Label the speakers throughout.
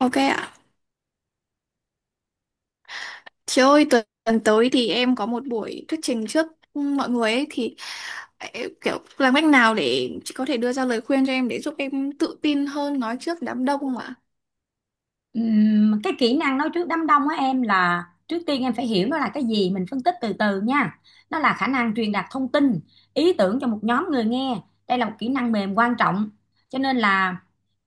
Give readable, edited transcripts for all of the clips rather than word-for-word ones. Speaker 1: Ok ạ. Chị ơi, tuần tuần tới thì em có một buổi thuyết trình trước mọi người ấy thì em kiểu làm cách nào để chị có thể đưa ra lời khuyên cho em để giúp em tự tin hơn nói trước đám đông không ạ?
Speaker 2: Cái kỹ năng nói trước đám đông á em, là trước tiên em phải hiểu nó là cái gì, mình phân tích từ từ nha. Nó là khả năng truyền đạt thông tin, ý tưởng cho một nhóm người nghe. Đây là một kỹ năng mềm quan trọng, cho nên là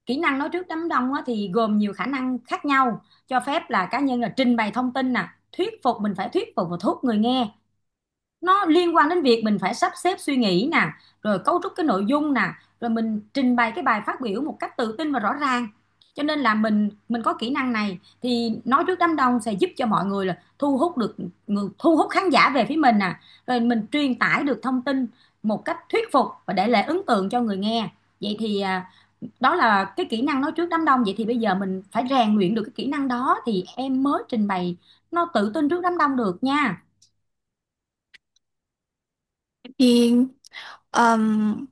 Speaker 2: kỹ năng nói trước đám đông á, thì gồm nhiều khả năng khác nhau, cho phép là cá nhân là trình bày thông tin nè, thuyết phục, mình phải thuyết phục và thuyết người nghe. Nó liên quan đến việc mình phải sắp xếp suy nghĩ nè, rồi cấu trúc cái nội dung nè, rồi mình trình bày cái bài phát biểu một cách tự tin và rõ ràng. Cho nên là mình có kỹ năng này thì nói trước đám đông sẽ giúp cho mọi người là thu hút được người, thu hút khán giả về phía mình nè, rồi mình truyền tải được thông tin một cách thuyết phục và để lại ấn tượng cho người nghe. Vậy thì đó là cái kỹ năng nói trước đám đông. Vậy thì bây giờ mình phải rèn luyện được cái kỹ năng đó thì em mới trình bày nó tự tin trước đám đông được nha.
Speaker 1: Thì ừm,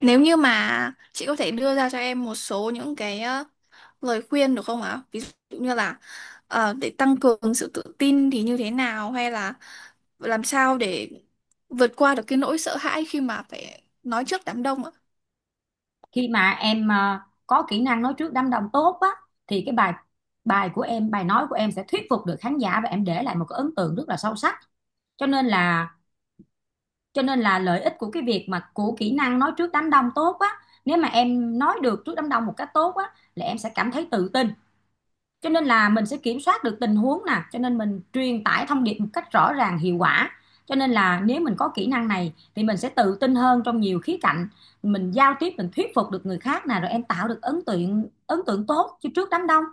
Speaker 1: nếu như mà chị có thể đưa ra cho em một số những cái lời khuyên được không ạ? Ví dụ như là để tăng cường sự tự tin thì như thế nào hay là làm sao để vượt qua được cái nỗi sợ hãi khi mà phải nói trước đám đông ạ?
Speaker 2: Khi mà em có kỹ năng nói trước đám đông tốt á, thì cái bài bài của em, bài nói của em sẽ thuyết phục được khán giả và em để lại một cái ấn tượng rất là sâu sắc. Cho nên là, lợi ích của cái việc mà của kỹ năng nói trước đám đông tốt á, nếu mà em nói được trước đám đông một cách tốt á, là em sẽ cảm thấy tự tin. Cho nên là mình sẽ kiểm soát được tình huống nè, cho nên mình truyền tải thông điệp một cách rõ ràng, hiệu quả. Cho nên là nếu mình có kỹ năng này thì mình sẽ tự tin hơn trong nhiều khía cạnh. Mình giao tiếp, mình thuyết phục được người khác nè, rồi em tạo được ấn tượng tốt chứ trước đám đông.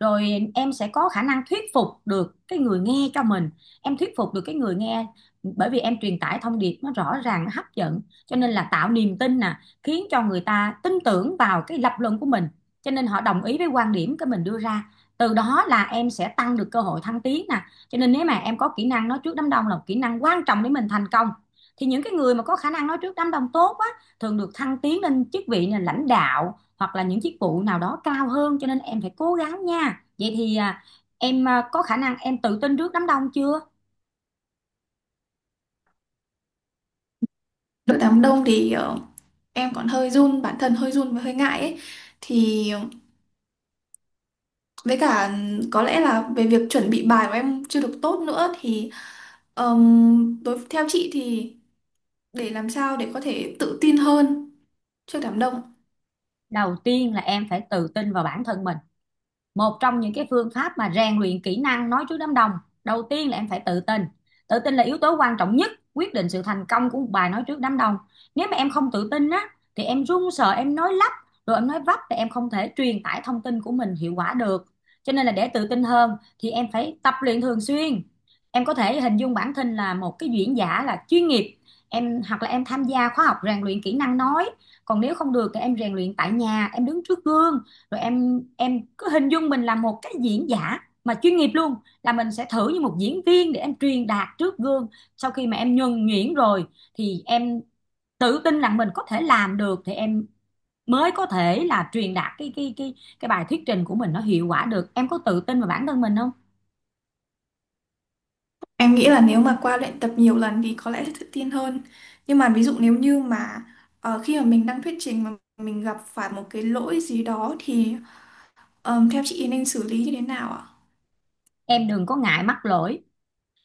Speaker 2: Rồi em sẽ có khả năng thuyết phục được cái người nghe cho mình, em thuyết phục được cái người nghe bởi vì em truyền tải thông điệp nó rõ ràng, nó hấp dẫn, cho nên là tạo niềm tin nè, khiến cho người ta tin tưởng vào cái lập luận của mình, cho nên họ đồng ý với quan điểm cái mình đưa ra. Từ đó là em sẽ tăng được cơ hội thăng tiến nè, cho nên nếu mà em có kỹ năng nói trước đám đông là một kỹ năng quan trọng để mình thành công. Thì những cái người mà có khả năng nói trước đám đông tốt á, thường được thăng tiến lên chức vị là lãnh đạo hoặc là những chức vụ nào đó cao hơn, cho nên em phải cố gắng nha. Vậy thì em có khả năng em tự tin trước đám đông chưa?
Speaker 1: Trước đám đông thì em còn hơi run, bản thân hơi run và hơi ngại ấy, thì với cả có lẽ là về việc chuẩn bị bài của em chưa được tốt nữa thì đối theo chị thì để làm sao để có thể tự tin hơn trước đám đông.
Speaker 2: Đầu tiên là em phải tự tin vào bản thân mình. Một trong những cái phương pháp mà rèn luyện kỹ năng nói trước đám đông, đầu tiên là em phải tự tin. Tự tin là yếu tố quan trọng nhất quyết định sự thành công của một bài nói trước đám đông. Nếu mà em không tự tin á, thì em run sợ, em nói lắp, rồi em nói vấp thì em không thể truyền tải thông tin của mình hiệu quả được. Cho nên là để tự tin hơn thì em phải tập luyện thường xuyên. Em có thể hình dung bản thân là một cái diễn giả là chuyên nghiệp, em hoặc là em tham gia khóa học rèn luyện kỹ năng nói, còn nếu không được thì em rèn luyện tại nhà, em đứng trước gương, rồi em cứ hình dung mình là một cái diễn giả mà chuyên nghiệp luôn, là mình sẽ thử như một diễn viên để em truyền đạt trước gương. Sau khi mà em nhuần nhuyễn rồi thì em tự tin rằng mình có thể làm được thì em mới có thể là truyền đạt cái bài thuyết trình của mình nó hiệu quả được. Em có tự tin vào bản thân mình không?
Speaker 1: Em nghĩ là nếu mà qua luyện tập nhiều lần thì có lẽ sẽ tự tin hơn, nhưng mà ví dụ nếu như mà khi mà mình đang thuyết trình mà mình gặp phải một cái lỗi gì đó thì theo chị nên xử lý như thế nào ạ?
Speaker 2: Em đừng có ngại mắc lỗi.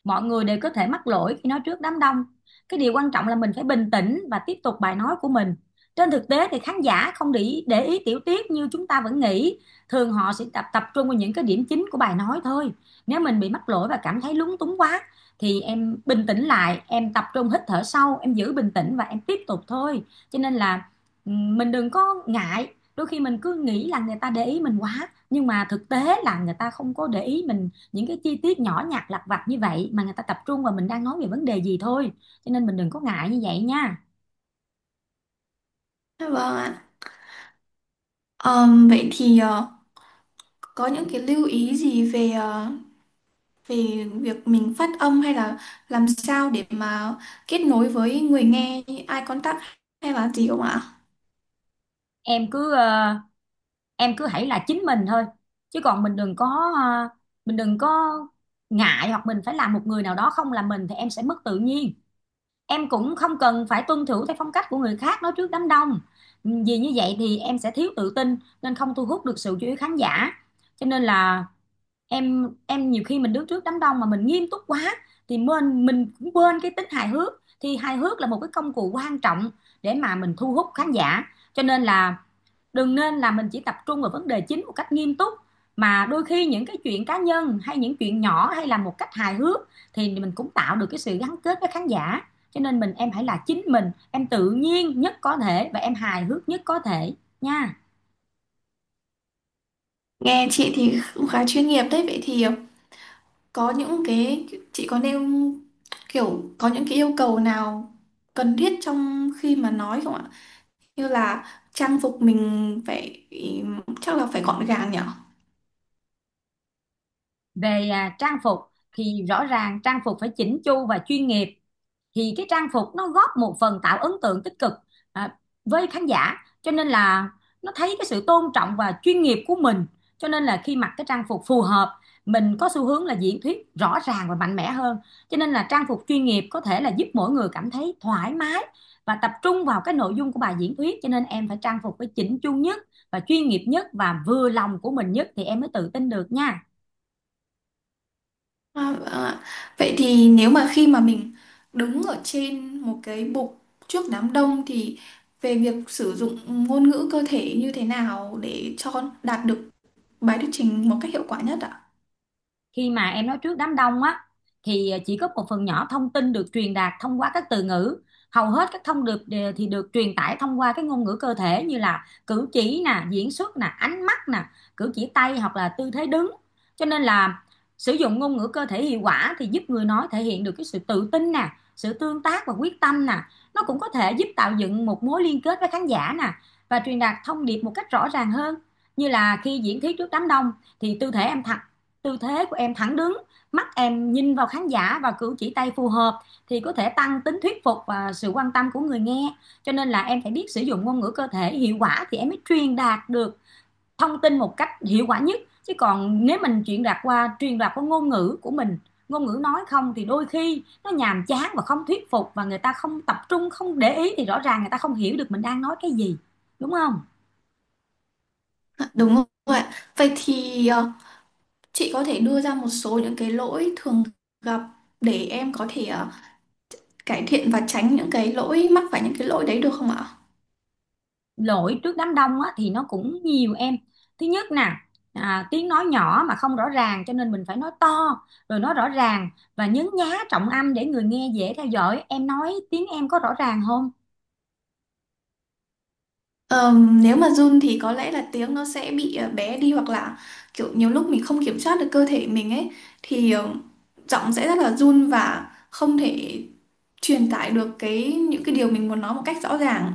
Speaker 2: Mọi người đều có thể mắc lỗi khi nói trước đám đông. Cái điều quan trọng là mình phải bình tĩnh và tiếp tục bài nói của mình. Trên thực tế thì khán giả không để ý tiểu tiết như chúng ta vẫn nghĩ. Thường họ sẽ tập tập trung vào những cái điểm chính của bài nói thôi. Nếu mình bị mắc lỗi và cảm thấy lúng túng quá, thì em bình tĩnh lại, em tập trung hít thở sâu, em giữ bình tĩnh và em tiếp tục thôi. Cho nên là mình đừng có ngại, đôi khi mình cứ nghĩ là người ta để ý mình quá nhưng mà thực tế là người ta không có để ý mình những cái chi tiết nhỏ nhặt lặt vặt như vậy, mà người ta tập trung vào mình đang nói về vấn đề gì thôi. Cho nên mình đừng có ngại như vậy nha.
Speaker 1: Dạ vâng ạ. Vậy thì có những cái lưu ý gì về về việc mình phát âm hay là làm sao để mà kết nối với người nghe như eye contact hay là gì không ạ?
Speaker 2: Em cứ em cứ hãy là chính mình thôi, chứ còn mình đừng có, mình đừng có ngại hoặc mình phải làm một người nào đó không là mình thì em sẽ mất tự nhiên. Em cũng không cần phải tuân thủ theo phong cách của người khác nói trước đám đông, vì như vậy thì em sẽ thiếu tự tin nên không thu hút được sự chú ý khán giả. Cho nên là em nhiều khi mình đứng trước đám đông mà mình nghiêm túc quá, thì mình cũng quên cái tính hài hước. Thì hài hước là một cái công cụ quan trọng để mà mình thu hút khán giả. Cho nên là đừng nên là mình chỉ tập trung vào vấn đề chính một cách nghiêm túc, mà đôi khi những cái chuyện cá nhân hay những chuyện nhỏ hay là một cách hài hước thì mình cũng tạo được cái sự gắn kết với khán giả. Cho nên mình, em hãy là chính mình, em tự nhiên nhất có thể và em hài hước nhất có thể nha.
Speaker 1: Nghe chị thì cũng khá chuyên nghiệp đấy. Vậy thì có những cái chị có nêu kiểu có những cái yêu cầu nào cần thiết trong khi mà nói không ạ? Như là trang phục mình phải, chắc là phải gọn gàng nhỉ?
Speaker 2: Về trang phục, thì rõ ràng trang phục phải chỉnh chu và chuyên nghiệp. Thì cái trang phục nó góp một phần tạo ấn tượng tích cực, à, với khán giả. Cho nên là nó thấy cái sự tôn trọng và chuyên nghiệp của mình. Cho nên là khi mặc cái trang phục phù hợp, mình có xu hướng là diễn thuyết rõ ràng và mạnh mẽ hơn. Cho nên là trang phục chuyên nghiệp có thể là giúp mỗi người cảm thấy thoải mái và tập trung vào cái nội dung của bài diễn thuyết, cho nên em phải trang phục phải chỉnh chu nhất và chuyên nghiệp nhất và vừa lòng của mình nhất thì em mới tự tin được nha.
Speaker 1: À, vâng ạ. Vậy thì nếu mà khi mà mình đứng ở trên một cái bục trước đám đông thì về việc sử dụng ngôn ngữ cơ thể như thế nào để cho đạt được bài thuyết trình một cách hiệu quả nhất ạ?
Speaker 2: Khi mà em nói trước đám đông á, thì chỉ có một phần nhỏ thông tin được truyền đạt thông qua các từ ngữ. Hầu hết các thông điệp thì được truyền tải thông qua cái ngôn ngữ cơ thể, như là cử chỉ nè, diễn xuất nè, ánh mắt nè, cử chỉ tay hoặc là tư thế đứng. Cho nên là sử dụng ngôn ngữ cơ thể hiệu quả thì giúp người nói thể hiện được cái sự tự tin nè, sự tương tác và quyết tâm nè. Nó cũng có thể giúp tạo dựng một mối liên kết với khán giả nè, và truyền đạt thông điệp một cách rõ ràng hơn. Như là khi diễn thuyết trước đám đông thì tư thế của em thẳng đứng, mắt em nhìn vào khán giả và cử chỉ tay phù hợp thì có thể tăng tính thuyết phục và sự quan tâm của người nghe. Cho nên là em phải biết sử dụng ngôn ngữ cơ thể hiệu quả thì em mới truyền đạt được thông tin một cách hiệu quả nhất, chứ còn nếu mình truyền đạt qua ngôn ngữ của mình, ngôn ngữ nói không, thì đôi khi nó nhàm chán và không thuyết phục và người ta không tập trung, không để ý thì rõ ràng người ta không hiểu được mình đang nói cái gì, đúng không?
Speaker 1: À, đúng rồi ạ. Vậy thì chị có thể đưa ra một số những cái lỗi thường gặp để em có thể cải thiện và tránh những cái lỗi, mắc phải những cái lỗi đấy được không ạ?
Speaker 2: Lỗi trước đám đông á, thì nó cũng nhiều em. Thứ nhất nè, tiếng nói nhỏ mà không rõ ràng, cho nên mình phải nói to, rồi nói rõ ràng và nhấn nhá trọng âm để người nghe dễ theo dõi. Em nói tiếng em có rõ ràng không?
Speaker 1: Nếu mà run thì có lẽ là tiếng nó sẽ bị bé đi, hoặc là kiểu nhiều lúc mình không kiểm soát được cơ thể mình ấy thì giọng sẽ rất là run và không thể truyền tải được cái những cái điều mình muốn nói một cách rõ ràng.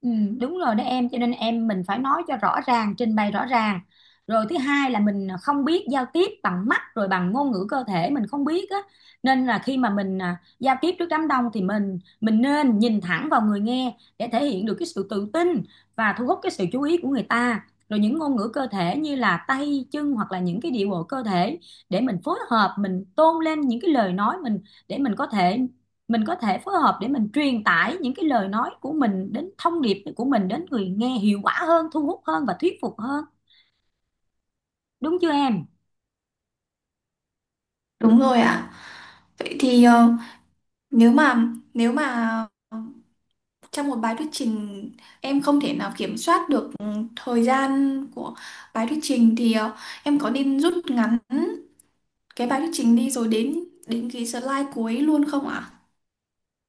Speaker 2: Ừ, đúng rồi đó em, cho nên em mình phải nói cho rõ ràng, trình bày rõ ràng. Rồi thứ hai là mình không biết giao tiếp bằng mắt, rồi bằng ngôn ngữ cơ thể mình không biết á, nên là khi mà mình giao tiếp trước đám đông thì mình nên nhìn thẳng vào người nghe để thể hiện được cái sự tự tin và thu hút cái sự chú ý của người ta. Rồi những ngôn ngữ cơ thể như là tay chân hoặc là những cái điệu bộ cơ thể để mình phối hợp, mình tôn lên những cái lời nói mình, để mình có thể phối hợp để mình truyền tải những cái lời nói của mình, đến thông điệp của mình đến người nghe hiệu quả hơn, thu hút hơn và thuyết phục hơn. Đúng chưa em?
Speaker 1: Đúng rồi ạ. Vậy thì nếu mà nếu mà ờ, trong một bài thuyết trình em không thể nào kiểm soát được thời gian của bài thuyết trình thì em có nên rút ngắn cái bài thuyết trình đi rồi đến đến cái slide cuối luôn không ạ?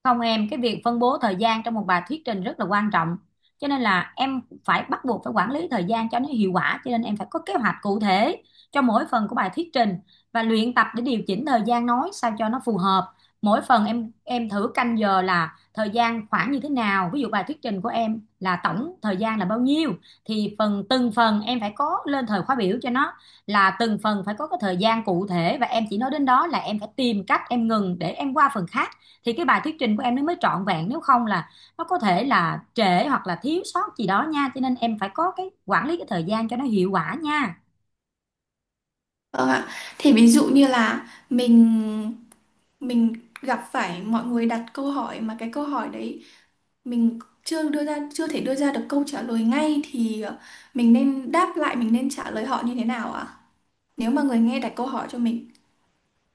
Speaker 2: Không em, cái việc phân bố thời gian trong một bài thuyết trình rất là quan trọng. Cho nên là em phải bắt buộc phải quản lý thời gian cho nó hiệu quả, cho nên em phải có kế hoạch cụ thể cho mỗi phần của bài thuyết trình và luyện tập để điều chỉnh thời gian nói sao cho nó phù hợp. Mỗi phần em thử canh giờ là thời gian khoảng như thế nào, ví dụ bài thuyết trình của em là tổng thời gian là bao nhiêu, thì phần từng phần em phải có lên thời khóa biểu cho nó, là từng phần phải có cái thời gian cụ thể và em chỉ nói đến đó là em phải tìm cách em ngừng để em qua phần khác, thì cái bài thuyết trình của em nó mới trọn vẹn. Nếu không là nó có thể là trễ hoặc là thiếu sót gì đó nha, cho nên em phải có cái quản lý cái thời gian cho nó hiệu quả nha.
Speaker 1: Vâng ạ. Thì ví dụ như là mình gặp phải mọi người đặt câu hỏi mà cái câu hỏi đấy mình chưa đưa ra, chưa thể đưa ra được câu trả lời ngay thì mình nên đáp lại, mình nên trả lời họ như thế nào ạ? Nếu mà người nghe đặt câu hỏi cho mình.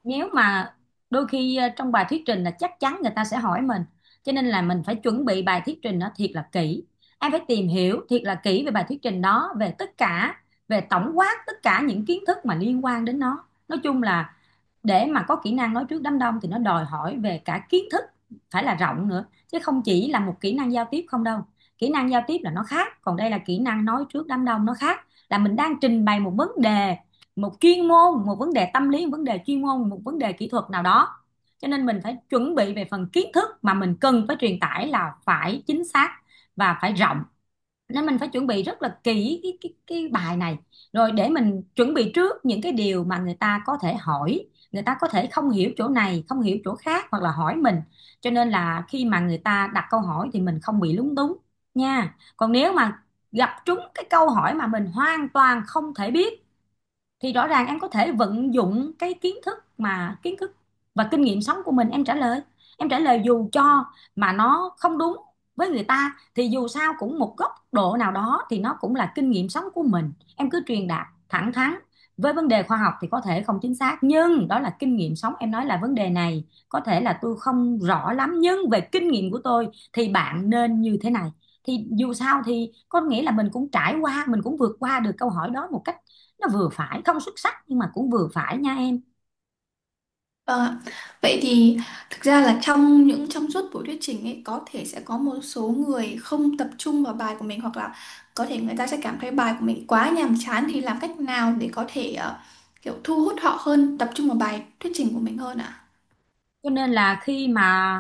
Speaker 2: Nếu mà đôi khi trong bài thuyết trình là chắc chắn người ta sẽ hỏi mình, cho nên là mình phải chuẩn bị bài thuyết trình nó thiệt là kỹ. Em phải tìm hiểu thiệt là kỹ về bài thuyết trình đó, về tất cả, về tổng quát tất cả những kiến thức mà liên quan đến nó, nói chung là để mà có kỹ năng nói trước đám đông thì nó đòi hỏi về cả kiến thức phải là rộng nữa, chứ không chỉ là một kỹ năng giao tiếp không đâu. Kỹ năng giao tiếp là nó khác, còn đây là kỹ năng nói trước đám đông nó khác, là mình đang trình bày một vấn đề, một chuyên môn, một vấn đề tâm lý, một vấn đề chuyên môn, một vấn đề kỹ thuật nào đó, cho nên mình phải chuẩn bị về phần kiến thức mà mình cần phải truyền tải là phải chính xác và phải rộng. Nên mình phải chuẩn bị rất là kỹ cái bài này, rồi để mình chuẩn bị trước những cái điều mà người ta có thể hỏi. Người ta có thể không hiểu chỗ này, không hiểu chỗ khác hoặc là hỏi mình, cho nên là khi mà người ta đặt câu hỏi thì mình không bị lúng túng nha. Còn nếu mà gặp trúng cái câu hỏi mà mình hoàn toàn không thể biết, thì rõ ràng em có thể vận dụng cái kiến thức, kiến thức và kinh nghiệm sống của mình, em trả lời. Em trả lời dù cho mà nó không đúng với người ta, thì dù sao cũng một góc độ nào đó thì nó cũng là kinh nghiệm sống của mình, em cứ truyền đạt thẳng thắn. Với vấn đề khoa học thì có thể không chính xác, nhưng đó là kinh nghiệm sống, em nói là vấn đề này có thể là tôi không rõ lắm, nhưng về kinh nghiệm của tôi thì bạn nên như thế này, thì dù sao thì có nghĩa là mình cũng trải qua, mình cũng vượt qua được câu hỏi đó một cách nó vừa phải, không xuất sắc nhưng mà cũng vừa phải nha em.
Speaker 1: Vâng ạ. Vậy thì thực ra là trong những trong suốt buổi thuyết trình ấy có thể sẽ có một số người không tập trung vào bài của mình, hoặc là có thể người ta sẽ cảm thấy bài của mình quá nhàm chán, thì làm cách nào để có thể kiểu thu hút họ hơn, tập trung vào bài thuyết trình của mình hơn ạ?
Speaker 2: cho nên là khi mà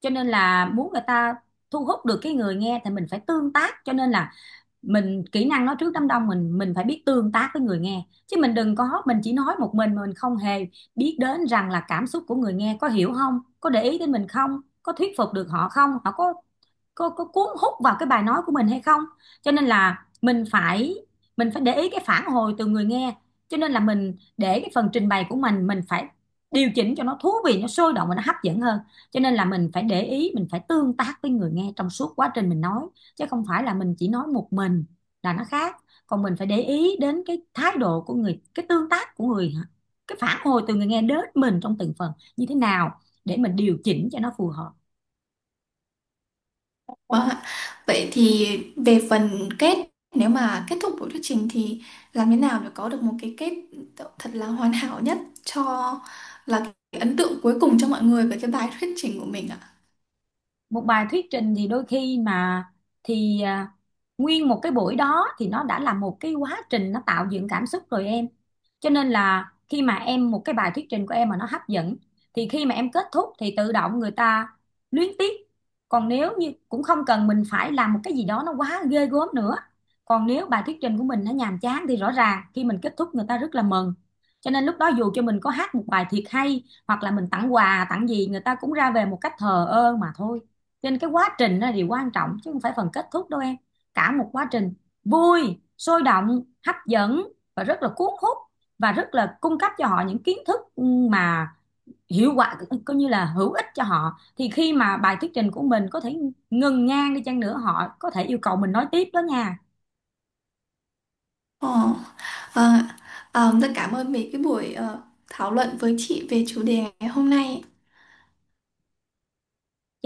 Speaker 2: cho nên là muốn người ta thu hút được cái người nghe thì mình phải tương tác, cho nên là mình kỹ năng nói trước đám đông mình phải biết tương tác với người nghe, chứ mình đừng có mình chỉ nói một mình mà mình không hề biết đến rằng là cảm xúc của người nghe có hiểu không, có để ý đến mình không, có thuyết phục được họ không, họ có có cuốn hút vào cái bài nói của mình hay không. Cho nên là mình phải để ý cái phản hồi từ người nghe. Cho nên là mình để cái phần trình bày của mình phải điều chỉnh cho nó thú vị, nó sôi động và nó hấp dẫn hơn. Cho nên là mình phải để ý, mình phải tương tác với người nghe trong suốt quá trình mình nói, chứ không phải là mình chỉ nói một mình là nó khác. Còn mình phải để ý đến cái thái độ của người, cái tương tác của người, cái phản hồi từ người nghe đến mình trong từng phần như thế nào để mình điều chỉnh cho nó phù hợp.
Speaker 1: Vâng ạ. Vậy thì về phần kết, nếu mà kết thúc buổi thuyết trình thì làm thế nào để có được một cái kết thật là hoàn hảo nhất cho là cái ấn tượng cuối cùng cho mọi người về cái bài thuyết trình của mình ạ?
Speaker 2: Một bài thuyết trình thì đôi khi mà thì à, nguyên một cái buổi đó thì nó đã là một cái quá trình nó tạo dựng cảm xúc rồi em. Cho nên là khi mà em một cái bài thuyết trình của em mà nó hấp dẫn, thì khi mà em kết thúc thì tự động người ta luyến tiếc, còn nếu như cũng không cần mình phải làm một cái gì đó nó quá ghê gớm nữa. Còn nếu bài thuyết trình của mình nó nhàm chán thì rõ ràng khi mình kết thúc người ta rất là mừng, cho nên lúc đó dù cho mình có hát một bài thiệt hay hoặc là mình tặng quà tặng gì người ta cũng ra về một cách thờ ơ mà thôi. Cho nên cái quá trình đó là điều quan trọng, chứ không phải phần kết thúc đâu em. Cả một quá trình vui, sôi động, hấp dẫn và rất là cuốn hút, và rất là cung cấp cho họ những kiến thức mà hiệu quả, coi như là hữu ích cho họ, thì khi mà bài thuyết trình của mình có thể ngừng ngang đi chăng nữa, họ có thể yêu cầu mình nói tiếp đó nha.
Speaker 1: Ồ, ờ, rất cảm ơn về cái buổi thảo luận với chị về chủ đề ngày hôm nay.